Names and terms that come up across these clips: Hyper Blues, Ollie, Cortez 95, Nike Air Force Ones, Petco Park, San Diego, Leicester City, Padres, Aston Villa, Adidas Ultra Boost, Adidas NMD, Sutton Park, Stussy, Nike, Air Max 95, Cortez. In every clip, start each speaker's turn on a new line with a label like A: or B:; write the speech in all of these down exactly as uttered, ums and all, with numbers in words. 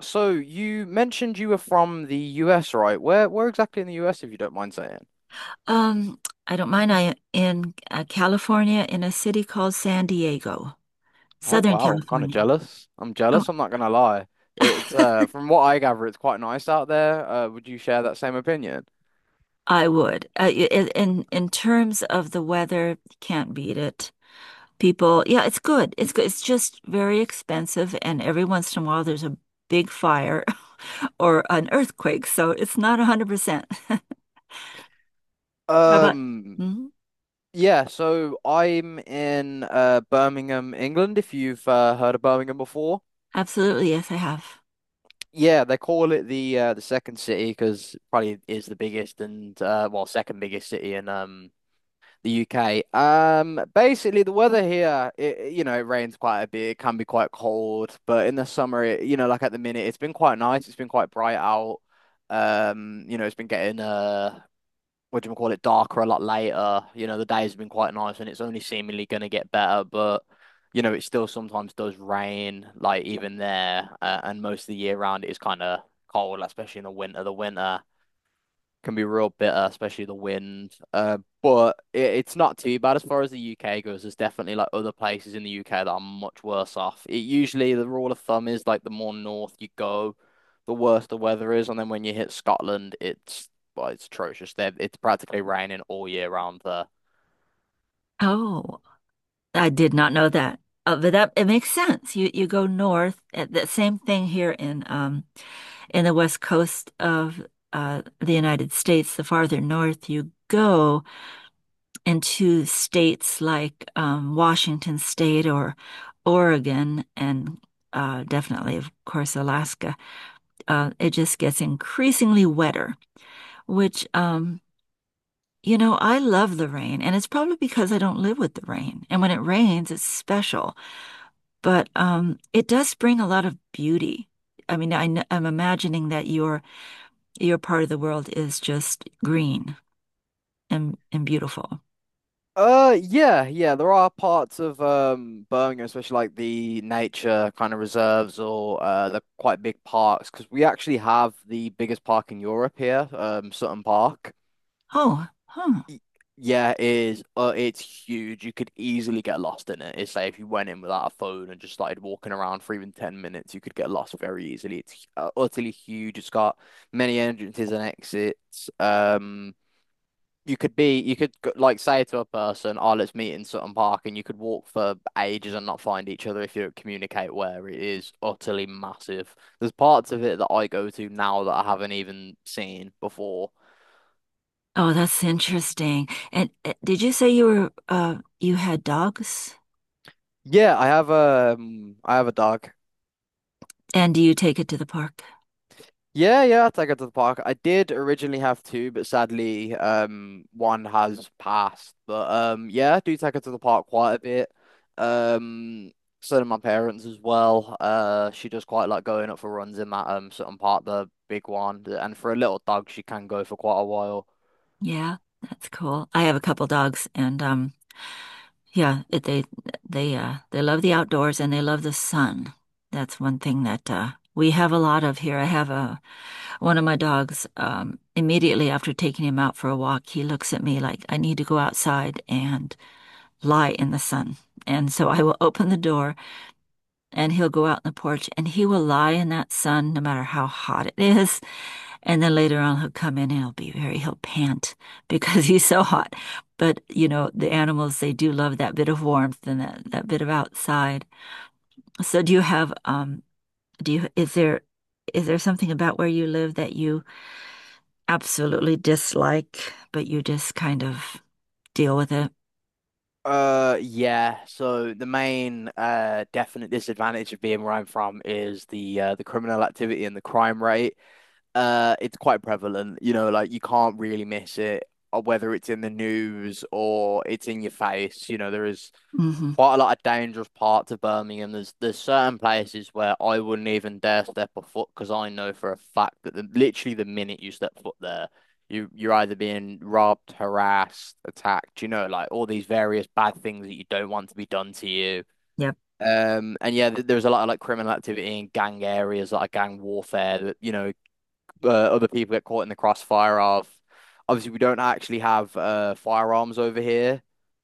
A: So you mentioned you were from the U S, right? Where where exactly in the U S, if you don't mind saying?
B: Um, I don't mind. I in uh, California in a city called San Diego,
A: Oh
B: Southern
A: wow, I'm kind of
B: California.
A: jealous. I'm
B: Oh,
A: jealous, I'm not gonna lie. It's uh from what I gather, it's quite nice out there. Uh, would you share that same opinion?
B: I would. Uh, i- i- in in terms of the weather, can't beat it. People, yeah, it's good. It's good. It's just very expensive, and every once in a while there's a big fire or an earthquake, so it's not one hundred percent. How about?
A: Um
B: Mhm.
A: yeah, so I'm in uh Birmingham, England, if you've uh, heard of Birmingham before.
B: Absolutely, yes, I have.
A: Yeah, they call it the uh the second city because probably is the biggest and uh well second biggest city in um The U K. Um, basically the weather here, it, you know, it rains quite a bit. It can be quite cold, but in the summer, it, you know, like at the minute, it's been quite nice. It's been quite bright out. Um, you know, it's been getting uh, what do you call it, darker a lot later. You know, the days have been quite nice, and it's only seemingly going to get better. But you know, it still sometimes does rain, like even there, uh, and most of the year round it is kind of cold, like, especially in the winter. The winter can be real bitter, especially the wind. Uh, but it, it's not too bad as far as the U K goes. There's definitely like other places in the U K that are much worse off. It usually the rule of thumb is like the more north you go, the worse the weather is, and then when you hit Scotland, it's well, it's atrocious. There, it's practically raining all year round there.
B: Oh, I did not know that. Uh, but that it makes sense. You you go north. uh, The same thing here in um in the west coast of uh the United States. The farther north you go into states like um Washington State or Oregon and uh definitely of course Alaska. Uh it just gets increasingly wetter, which um you know, I love the rain, and it's probably because I don't live with the rain. And when it rains, it's special. But um, it does bring a lot of beauty. I mean, I am imagining that your your part of the world is just green and and beautiful.
A: Uh, yeah, yeah. There are parts of um Birmingham, especially like the nature kind of reserves or uh the quite big parks, because we actually have the biggest park in Europe here, um Sutton Park.
B: Oh, huh.
A: Y- Yeah, it is. Uh, it's huge. You could easily get lost in it. It's like if you went in without a phone and just started walking around for even ten minutes, you could get lost very easily. It's uh, utterly huge. It's got many entrances and exits. Um, you could be, you could go- Like say to a person, "Oh, let's meet in Sutton Park," and you could walk for ages and not find each other if you don't communicate where it is utterly massive. There's parts of it that I go to now that I haven't even seen before.
B: Oh, that's interesting. And uh, did you say you were uh, you had dogs?
A: Yeah, I have um I have a dog.
B: And do you take it to the park?
A: Yeah, yeah, I take it to the park. I did originally have two, but sadly, um, one has passed. But um, yeah, I do take her to the park quite a bit. Um, so do my parents as well. Uh, she does quite like going up for runs in that um certain part, the big one, and for a little dog, she can go for quite a while.
B: Yeah, that's cool. I have a couple dogs, and um, yeah, it, they they uh they love the outdoors and they love the sun. That's one thing that uh, we have a lot of here. I have a one of my dogs, um, immediately after taking him out for a walk, he looks at me like, I need to go outside and lie in the sun. And so I will open the door and he'll go out on the porch and he will lie in that sun no matter how hot it is. And then later on, he'll come in and he'll be very, he'll pant because he's so hot. But, you know, the animals, they do love that bit of warmth and that, that bit of outside. So do you have, um, do you, is there, is there something about where you live that you absolutely dislike, but you just kind of deal with it.
A: Uh, yeah. So the main uh definite disadvantage of being where I'm from is the uh the criminal activity and the crime rate. Uh, it's quite prevalent. You know, like you can't really miss it, or whether it's in the news or it's in your face. You know, there is
B: Hmm.
A: quite a lot of dangerous parts of Birmingham. There's there's certain places where I wouldn't even dare step a foot because I know for a fact that the, literally the minute you step foot there, you you're either being robbed, harassed, attacked. You know, like all these various bad things that you don't want to be done to you.
B: Yep.
A: Um, and yeah, th- there's a lot of like criminal activity in gang areas, like gang warfare that, you know, uh, other people get caught in the crossfire of. Obviously, we don't actually have uh, firearms over here.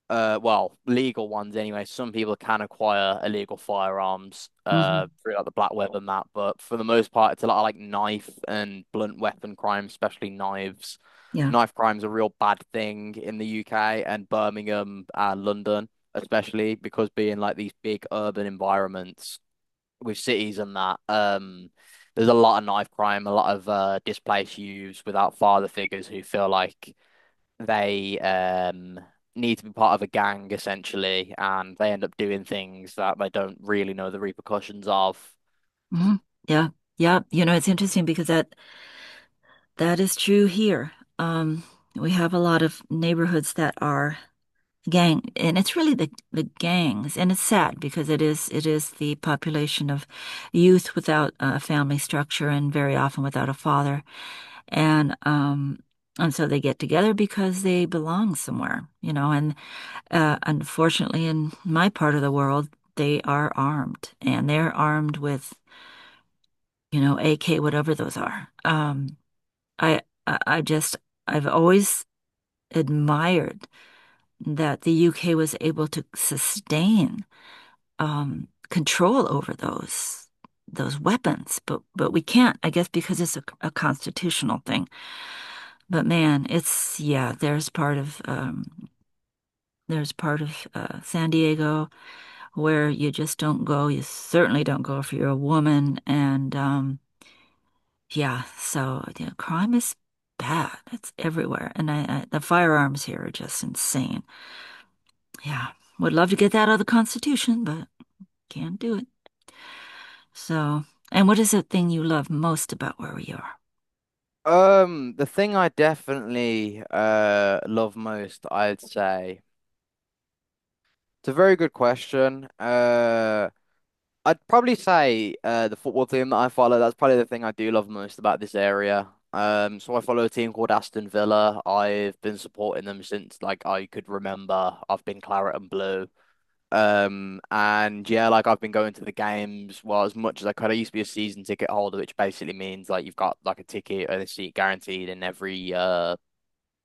A: Uh, well, legal ones anyway. Some people can acquire illegal firearms uh
B: Hmm.
A: through like the black web and that, but for the most part, it's a lot of like knife and blunt weapon crimes, especially knives.
B: Yeah.
A: Knife crime's a real bad thing in the U K and Birmingham and London, especially because being like these big urban environments with cities and that. Um, there's a lot of knife crime, a lot of uh, displaced youths without father figures who feel like they um, need to be part of a gang essentially, and they end up doing things that they don't really know the repercussions of.
B: Hmm. Yeah. Yeah. You know, it's interesting because that that is true here. Um, we have a lot of neighborhoods that are gang, and it's really the the gangs, and it's sad because it is it is the population of youth without a family structure and very often without a father, and um, and so they get together because they belong somewhere, you know, and Uh, unfortunately, in my part of the world, they are armed, and they're armed with, you know, A K, whatever those are. Um, I, I just, I've always admired that the U K was able to sustain um, control over those those weapons, but but we can't, I guess, because it's a, a constitutional thing. But man, it's yeah, there's part of um, there's part of uh, San Diego where you just don't go. You certainly don't go if you're a woman. And um, yeah, so you know, crime is bad. It's everywhere. And I, I, the firearms here are just insane. Yeah, would love to get that out of the Constitution, but can't do it. So, and what is the thing you love most about where we are?
A: Um, the thing I definitely uh love most, I'd say. It's a very good question. Uh I'd probably say uh, the football team that I follow, that's probably the thing I do love most about this area. Um, so I follow a team called Aston Villa. I've been supporting them since like I could remember. I've been claret and blue. Um, and yeah, like I've been going to the games well as much as I could. I used to be a season ticket holder, which basically means like you've got like a ticket and a seat guaranteed in every uh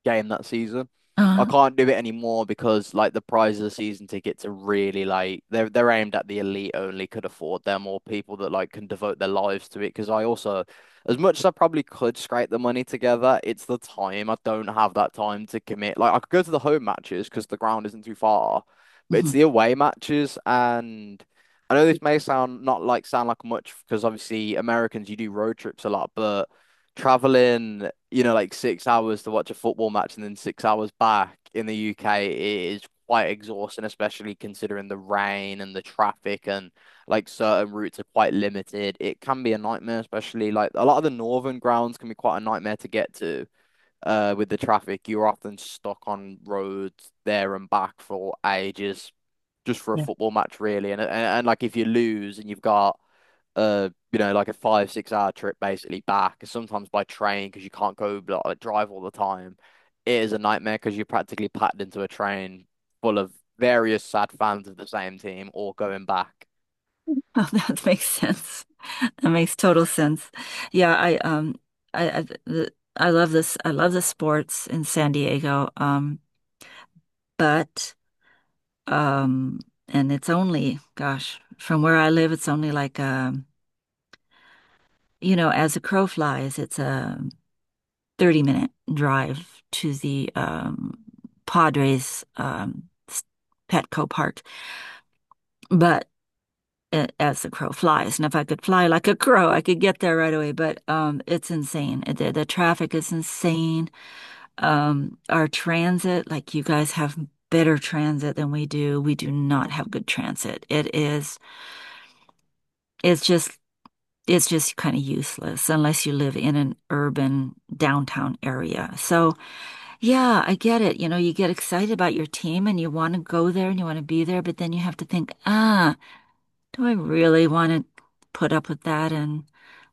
A: game that season. I
B: Uh,
A: can't do it anymore because like the prize of the season tickets are really like they're they're aimed at the elite only could afford them or people that like can devote their lives to it. Because I also, as much as I probably could scrape the money together, it's the time. I don't have that time to commit. Like I could go to the home matches because the ground isn't too far, but it's
B: mhm.
A: the away matches and. I know this may sound not like sound like much because obviously Americans you do road trips a lot, but traveling, you know, like six hours to watch a football match and then six hours back in the U K is quite exhausting, especially considering the rain and the traffic and like certain routes are quite limited. It can be a nightmare, especially like a lot of the northern grounds can be quite a nightmare to get to. Uh, with the traffic, you're often stuck on roads there and back for ages just for a
B: Yeah.
A: football match, really. And, and and like if you lose and you've got uh you know like a five six hour trip basically back sometimes by train because you can't go like, like, drive all the time. It is a nightmare because you're practically packed into a train full of various sad fans of the same team all going back.
B: Oh, that makes sense. That makes total sense. Yeah, I um, I I, the, I love this. I love the sports in San Diego. Um, but Um, and it's only, gosh, from where I live, it's only like um, you know, as a crow flies, it's a thirty minute drive to the um Padres um s- Petco Park. But uh, as the crow flies, and if I could fly like a crow, I could get there right away. But um, it's insane. The, the traffic is insane. Um, our transit, like you guys have better transit than we do. We do not have good transit. It is it's just it's just kind of useless unless you live in an urban downtown area. So, yeah, I get it. You know, you get excited about your team and you want to go there and you want to be there, but then you have to think, ah, do I really want to put up with that? And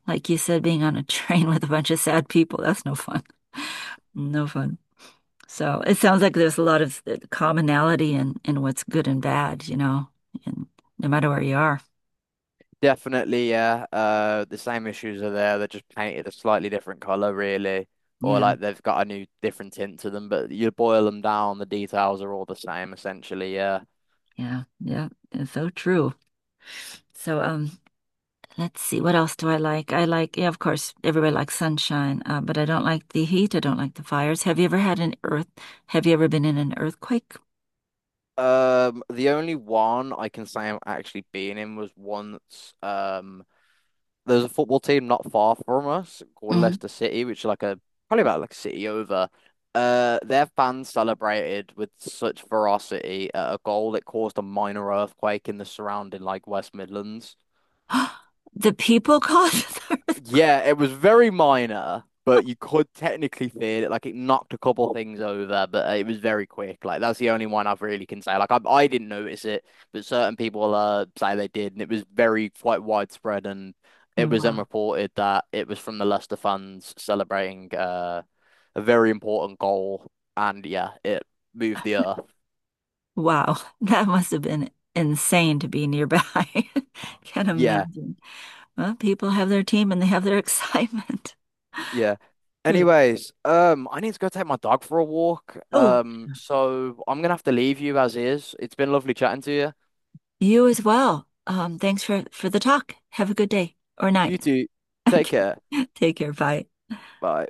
B: like you said, being on a train with a bunch of sad people, that's no fun. No fun. So it sounds like there's a lot of uh, commonality in, in what's good and bad, you know, and no matter where you are.
A: Definitely yeah, uh the same issues are there, they're just painted a slightly different color really, or
B: Yeah,
A: like they've got a new different tint to them, but you boil them down, the details are all the same essentially, yeah.
B: yeah, yeah. It's so true. So um, let's see, what else do I like? I like, yeah, of course, everybody likes sunshine, uh, but I don't like the heat. I don't like the fires. Have you ever had an earth? Have you ever been in an earthquake?
A: Um the only one I can say I'm actually being in was once um There's a football team not far from us called
B: Hmm.
A: Leicester City, which is like a probably about like a city over. Uh, their fans celebrated with such ferocity at a goal that caused a minor earthquake in the surrounding like West Midlands.
B: The people caused the earthquake.
A: Yeah, it was very minor, but you could technically feel it. Like it knocked a couple things over, but uh, it was very quick. Like that's the only one I've really can say. Like I, I didn't notice it, but certain people uh say they did, and it was very quite widespread. And it was then
B: Wow.
A: reported that it was from the Leicester fans celebrating uh a very important goal, and yeah, it moved the earth.
B: Wow. That must have been insane to be nearby. Can't
A: Yeah.
B: imagine. Well, people have their team and they have their excitement.
A: Yeah.
B: Really.
A: Anyways, um, I need to go take my dog for a walk.
B: Oh,
A: Um, so I'm gonna have to leave you as is. It's been lovely chatting to you.
B: you as well. Um, thanks for for the talk. Have a good day or
A: You
B: night.
A: too. Take care.
B: Okay. Take care. Bye.
A: Bye.